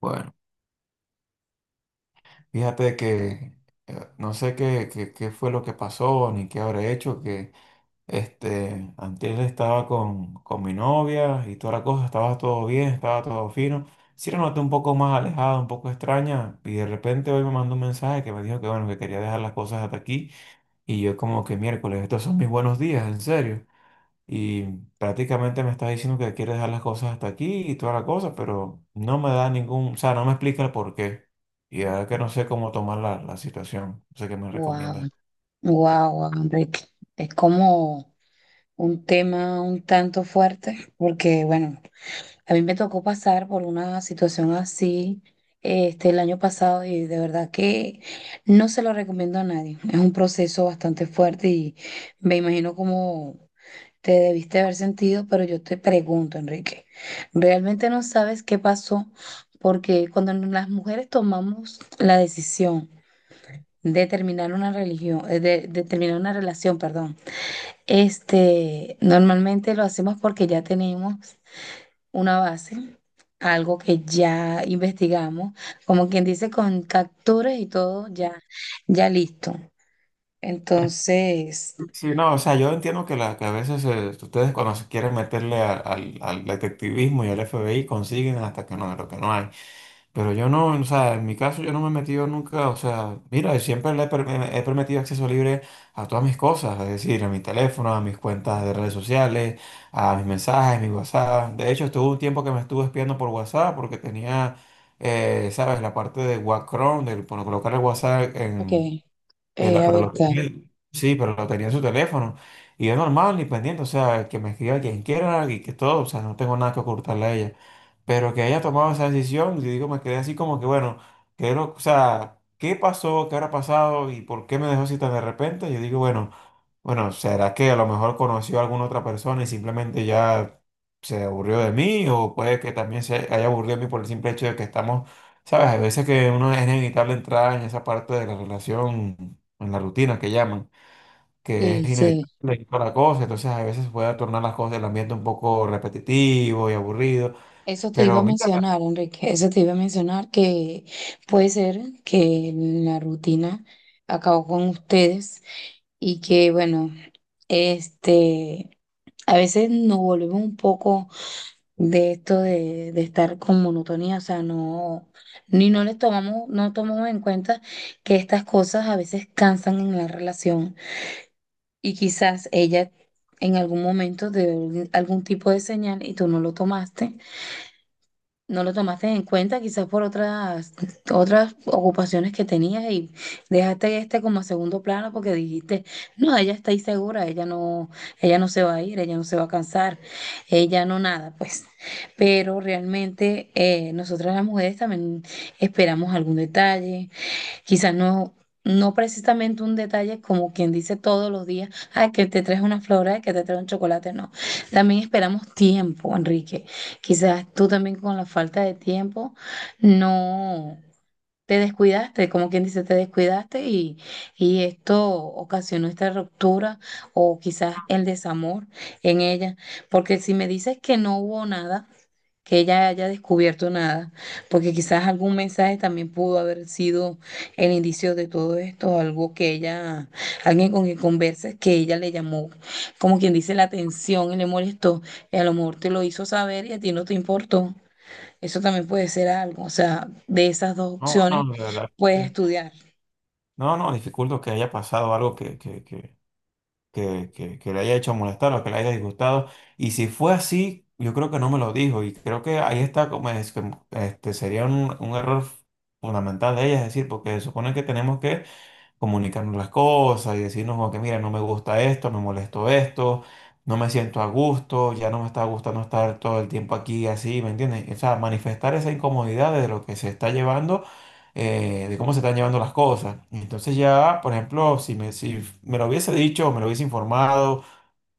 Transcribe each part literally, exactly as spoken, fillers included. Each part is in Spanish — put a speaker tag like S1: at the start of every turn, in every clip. S1: Bueno, fíjate que eh, no sé qué, qué, qué fue lo que pasó ni qué habré hecho, que este, antes estaba con, con mi novia y toda la cosa, estaba todo bien, estaba todo fino. Sí la noté un poco más alejada, un poco extraña, y de repente hoy me mandó un mensaje que me dijo que bueno, que quería dejar las cosas hasta aquí, y yo como que miércoles, estos son mis buenos días, en serio. Y prácticamente me estás diciendo que quieres dejar las cosas hasta aquí y toda la cosa, pero no me da ningún, o sea, no me explica el por qué. Y ahora que no sé cómo tomar la, la situación, no sé qué me
S2: Wow,
S1: recomiendas.
S2: wow, Enrique. Es como un tema un tanto fuerte, porque bueno, a mí me tocó pasar por una situación así este, el año pasado y de verdad que no se lo recomiendo a nadie. Es un proceso bastante fuerte y me imagino cómo te debiste haber sentido, pero yo te pregunto, Enrique, ¿realmente no sabes qué pasó? Porque cuando las mujeres tomamos la decisión de terminar una religión, eh, de, de terminar una relación, perdón. Este, normalmente lo hacemos porque ya tenemos una base, algo que ya investigamos, como quien dice, con capturas y todo ya, ya listo. Entonces,
S1: Sí, no, o sea, yo entiendo que, la, que a veces eh, ustedes cuando se quieren meterle a- al, al detectivismo y al F B I consiguen hasta que no, lo que no hay. Pero yo no, o sea, en mi caso yo no me he metido nunca, o sea, mira, siempre le he, per- me- he permitido acceso libre a todas mis cosas, es decir, a mi teléfono, a mis cuentas de redes sociales, a mis mensajes, mis WhatsApp. De hecho, estuvo un tiempo que me estuve espiando por WhatsApp porque tenía, eh, ¿sabes? La parte de Wacron, de poner- colocar el WhatsApp
S2: ok,
S1: en, él-
S2: eh, a
S1: pero
S2: ver,
S1: lo
S2: ta-
S1: tenía, sí, pero lo tenía en su teléfono. Y es normal, y pendiente, o sea, que me escriba quien quiera y que todo, o sea, no tengo nada que ocultarle a ella. Pero que haya tomado esa decisión, y digo, me quedé así como que, bueno, quiero, o sea, ¿qué pasó? ¿Qué habrá pasado? ¿Y por qué me dejó así tan de repente? Yo digo, bueno. Bueno, ¿será que a lo mejor conoció a alguna otra persona y simplemente ya se aburrió de mí? O puede que también se haya aburrido de mí por el simple hecho de que estamos, ¿sabes? Hay veces que uno es inevitable entrar en esa parte de la relación, en la rutina que llaman, que es
S2: sí, sí.
S1: inevitable y toda la cosa. Entonces, a veces puede tornar las cosas, el ambiente un poco repetitivo y aburrido.
S2: Eso te iba a
S1: Pero mira,
S2: mencionar, Enrique, eso te iba a mencionar que puede ser que la rutina acabó con ustedes y que bueno, este, a veces nos volvemos un poco de esto de, de estar con monotonía, o sea, no, ni no les tomamos, no tomamos en cuenta que estas cosas a veces cansan en la relación y quizás ella en algún momento dio algún tipo de señal y tú no lo tomaste no lo tomaste en cuenta, quizás por otras, otras ocupaciones que tenías y dejaste este como a segundo plano porque dijiste, no, ella está ahí segura, ella no, ella no se va a ir, ella no se va a cansar, ella no nada, pues. Pero realmente eh, nosotras las mujeres también esperamos algún detalle. Quizás no, No precisamente un detalle como quien dice todos los días, ay, que te traes una flor, ay, que te traes un chocolate, no. También esperamos tiempo, Enrique. Quizás tú también con la falta de tiempo no te descuidaste, como quien dice, te descuidaste, y, y esto ocasionó esta ruptura o quizás el desamor en ella. Porque si me dices que no hubo nada, que ella haya descubierto nada, porque quizás algún mensaje también pudo haber sido el indicio de todo esto, algo que ella, alguien con quien conversas, que ella le llamó, como quien dice, la atención y le molestó, y a lo mejor te lo hizo saber y a ti no te importó. Eso también puede ser algo, o sea, de esas dos
S1: no,
S2: opciones
S1: no, de verdad.
S2: puedes estudiar.
S1: No, no, dificulto que haya pasado algo que, que, que, que, que, que le haya hecho molestar o que le haya disgustado. Y si fue así, yo creo que no me lo dijo. Y creo que ahí está como es que, este, sería un, un error fundamental de ella, es decir, porque se supone que tenemos que comunicarnos las cosas y decirnos como que mira, no me gusta esto, me molesto esto, no me siento a gusto, ya no me está gustando estar todo el tiempo aquí así, ¿me entiendes? O sea, manifestar esa incomodidad de lo que se está llevando, eh, de cómo se están llevando las cosas. Entonces ya, por ejemplo, si me, si me lo hubiese dicho, me lo hubiese informado,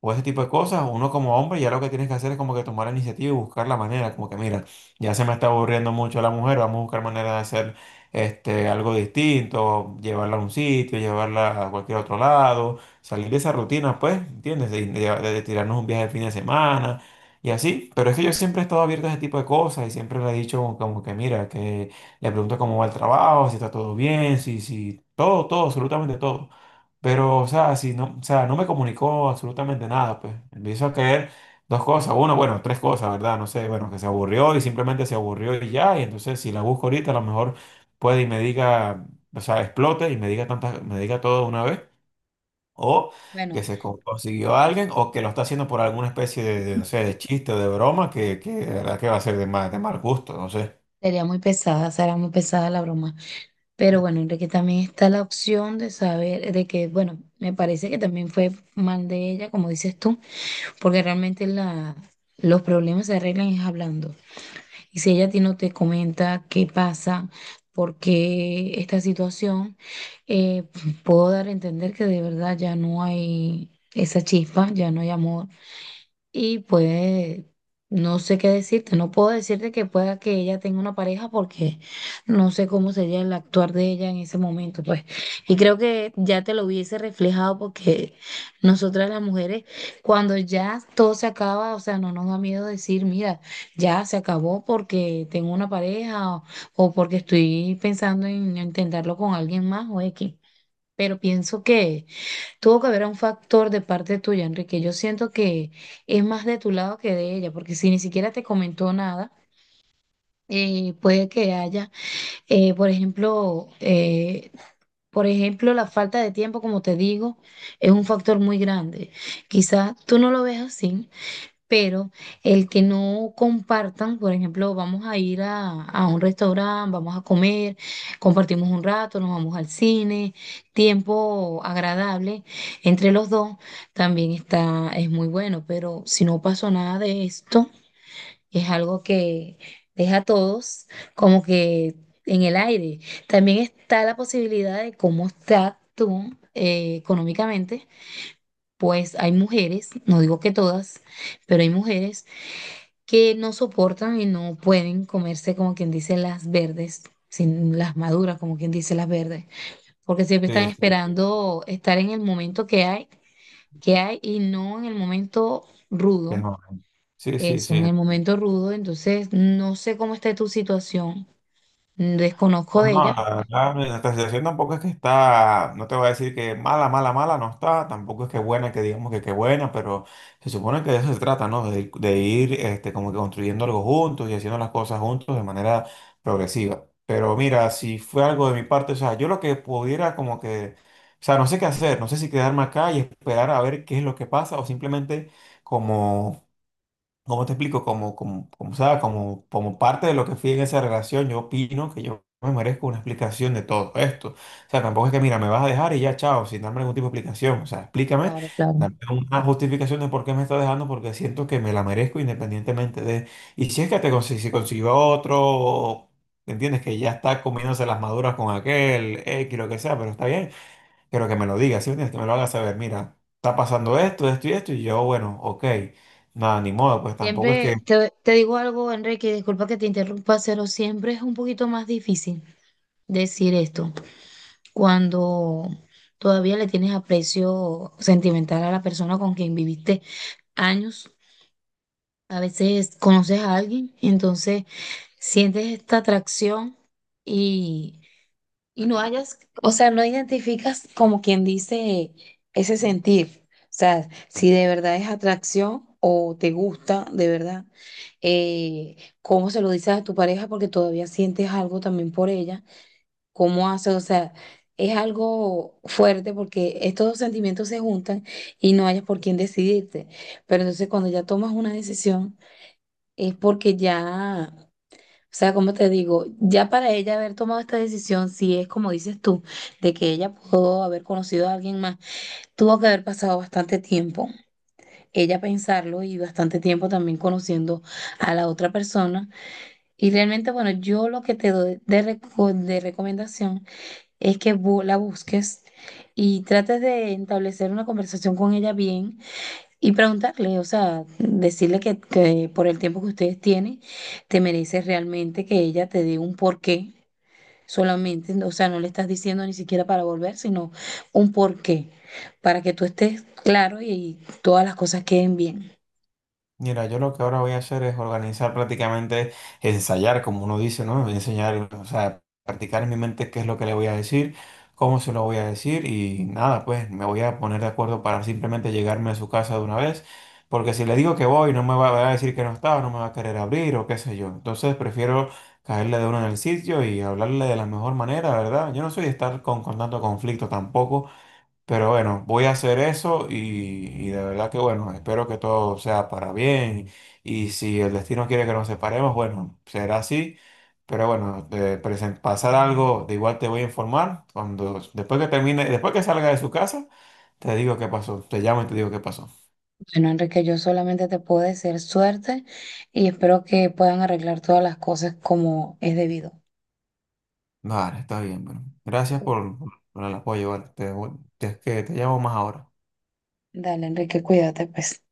S1: o ese tipo de cosas, uno como hombre ya lo que tienes que hacer es como que tomar la iniciativa y buscar la manera, como que mira, ya se me está aburriendo mucho la mujer, vamos a buscar manera de hacer este, algo distinto, llevarla a un sitio, llevarla a cualquier otro lado, salir de esa rutina, pues, ¿entiendes? De, de- de tirarnos un viaje de fin de semana. Y así, pero es que yo siempre he estado abierto a ese tipo de cosas y siempre le he dicho como, como que mira, que le pregunto cómo va el trabajo, si está todo bien, si, si, todo, todo, absolutamente todo. Pero, o sea, si no, o sea, no me comunicó absolutamente nada, pues. Empiezo a caer dos cosas, uno, bueno, tres cosas, ¿verdad? No sé, bueno, que se aburrió y simplemente se aburrió y ya, y entonces si la busco ahorita, a lo mejor puede y me diga, o sea, explote y me diga tantas, me diga todo de una vez, o que
S2: Bueno,
S1: se co- consiguió a alguien, o que lo está haciendo por alguna especie de, de, no sé, de chiste o de broma, que, que de verdad que va a ser de mal, de mal gusto, no sé.
S2: sería muy pesada, será muy pesada la broma. Pero bueno, Enrique, también está la opción de saber, de que, bueno, me parece que también fue mal de ella, como dices tú. Porque realmente la, los problemas se arreglan es hablando. Y si ella a ti no te comenta qué pasa, por qué esta situación, eh, puedo dar a entender que de verdad ya no hay esa chispa, ya no hay amor. Y pues no sé qué decirte, no puedo decirte que pueda que ella tenga una pareja porque no sé cómo sería el actuar de ella en ese momento, pues. Y creo que ya te lo hubiese reflejado, porque nosotras las mujeres, cuando ya todo se acaba, o sea, no nos da miedo decir, mira, ya se acabó porque tengo una pareja o, o porque estoy pensando en intentarlo con alguien más o X. Pero pienso que tuvo que haber un factor de parte tuya, Enrique. Yo siento que es más de tu lado que de ella, porque si ni siquiera te comentó nada, eh, puede que haya, eh, por ejemplo, eh, por ejemplo, la falta de tiempo, como te digo, es un factor muy grande. Quizás tú no lo ves así, pero el que no compartan, por ejemplo, vamos a ir a, a un restaurante, vamos a comer, compartimos un rato, nos vamos al cine, tiempo agradable entre los dos, también está, es muy bueno, pero si no pasó nada de esto, es algo que deja a todos como que en el aire. También está la posibilidad de cómo está tú eh, económicamente. Pues hay mujeres, no digo que todas, pero hay mujeres que no soportan y no pueden comerse, como quien dice, las verdes, sin las maduras, como quien dice, las verdes, porque siempre están
S1: Sí, sí, sí.
S2: esperando estar en el momento que hay, que hay y no en el momento
S1: Que
S2: rudo.
S1: no. Sí, sí,
S2: Eso,
S1: sí.
S2: en el momento rudo, entonces no sé cómo está tu situación, desconozco
S1: No,
S2: de
S1: no,
S2: ella.
S1: la verdad, mi- nuestra situación tampoco es que está, no te voy a decir que mala, mala, mala no está, tampoco es que buena, que digamos que qué buena, pero se supone que de eso se trata, ¿no? De, ir- de ir este, como que construyendo algo juntos y haciendo las cosas juntos de manera progresiva. Pero mira, si fue algo de mi parte, o sea, yo lo que pudiera como que, o sea, no sé qué hacer, no sé si quedarme acá y esperar a ver qué es lo que pasa o simplemente como... ¿Cómo te explico? Como, como, como, sea, como, como parte de lo que fui en esa relación, yo opino que yo me merezco una explicación de todo esto. O sea, tampoco es que, mira, me vas a dejar y ya, chao, sin darme ningún tipo de explicación. O sea, explícame,
S2: Claro, claro.
S1: dame una justificación de por qué me estás dejando, porque siento que me la merezco independientemente de... Y si es que te consi- si consiguió otro, o- ¿entiendes? Que ya está comiéndose las maduras con aquel, X, lo que sea, pero está bien pero que me lo diga, ¿sí me entiendes? Que me lo haga saber, mira, está pasando esto, esto y esto, y yo, bueno, ok, nada, ni modo, pues tampoco es que
S2: Siempre te, te digo algo, Enrique, disculpa que te interrumpa, pero siempre es un poquito más difícil decir esto, cuando todavía le tienes aprecio sentimental a la persona con quien viviste años. A veces conoces a alguien, entonces sientes esta atracción, y, y no hayas, o sea, no identificas, como quien dice, ese sentir. O sea, si de verdad es atracción o te gusta de verdad, eh, cómo se lo dices a tu pareja porque todavía sientes algo también por ella, cómo hace, o sea, es algo fuerte porque estos dos sentimientos se juntan y no hayas por quién decidirte. Pero entonces cuando ya tomas una decisión es porque ya, o sea, como te digo, ya para ella haber tomado esta decisión, si es como dices tú, de que ella pudo haber conocido a alguien más, tuvo que haber pasado bastante tiempo. Ella pensarlo y bastante tiempo también conociendo a la otra persona. Y realmente, bueno, yo lo que te doy de reco- de recomendación es que bu- la busques y trates de establecer una conversación con ella bien y preguntarle, o sea, decirle que, que por el tiempo que ustedes tienen, te mereces realmente que ella te dé un porqué solamente, o sea, no le estás diciendo ni siquiera para volver, sino un porqué, para que tú estés claro y, y todas las cosas queden bien.
S1: mira, yo lo que ahora voy a hacer es organizar prácticamente, ensayar, como uno dice, ¿no? Enseñar, o sea, practicar en mi mente qué es lo que le voy a decir, cómo se lo voy a decir y nada, pues me voy a poner de acuerdo para simplemente llegarme a su casa de una vez, porque si le digo que voy, no me va va a decir que no está o no me va a querer abrir o qué sé yo. Entonces prefiero caerle de uno en el sitio y hablarle de la mejor manera, ¿verdad? Yo no soy de estar con, con tanto conflicto tampoco. Pero bueno, voy a hacer eso y, y de verdad que bueno, espero que todo sea para bien y si el destino quiere que nos separemos, bueno, será así. Pero bueno, de presen- pasar algo, de igual te voy a informar cuando después que termine, después que salga de su casa, te digo qué pasó, te llamo y te digo qué pasó.
S2: Bueno, Enrique, yo solamente te puedo desear suerte y espero que puedan arreglar todas las cosas como es debido.
S1: Vale, está bien, bueno. Gracias por, por el apoyo, vale. Te, voy- te- que te llamo más ahora.
S2: Dale, Enrique, cuídate, pues.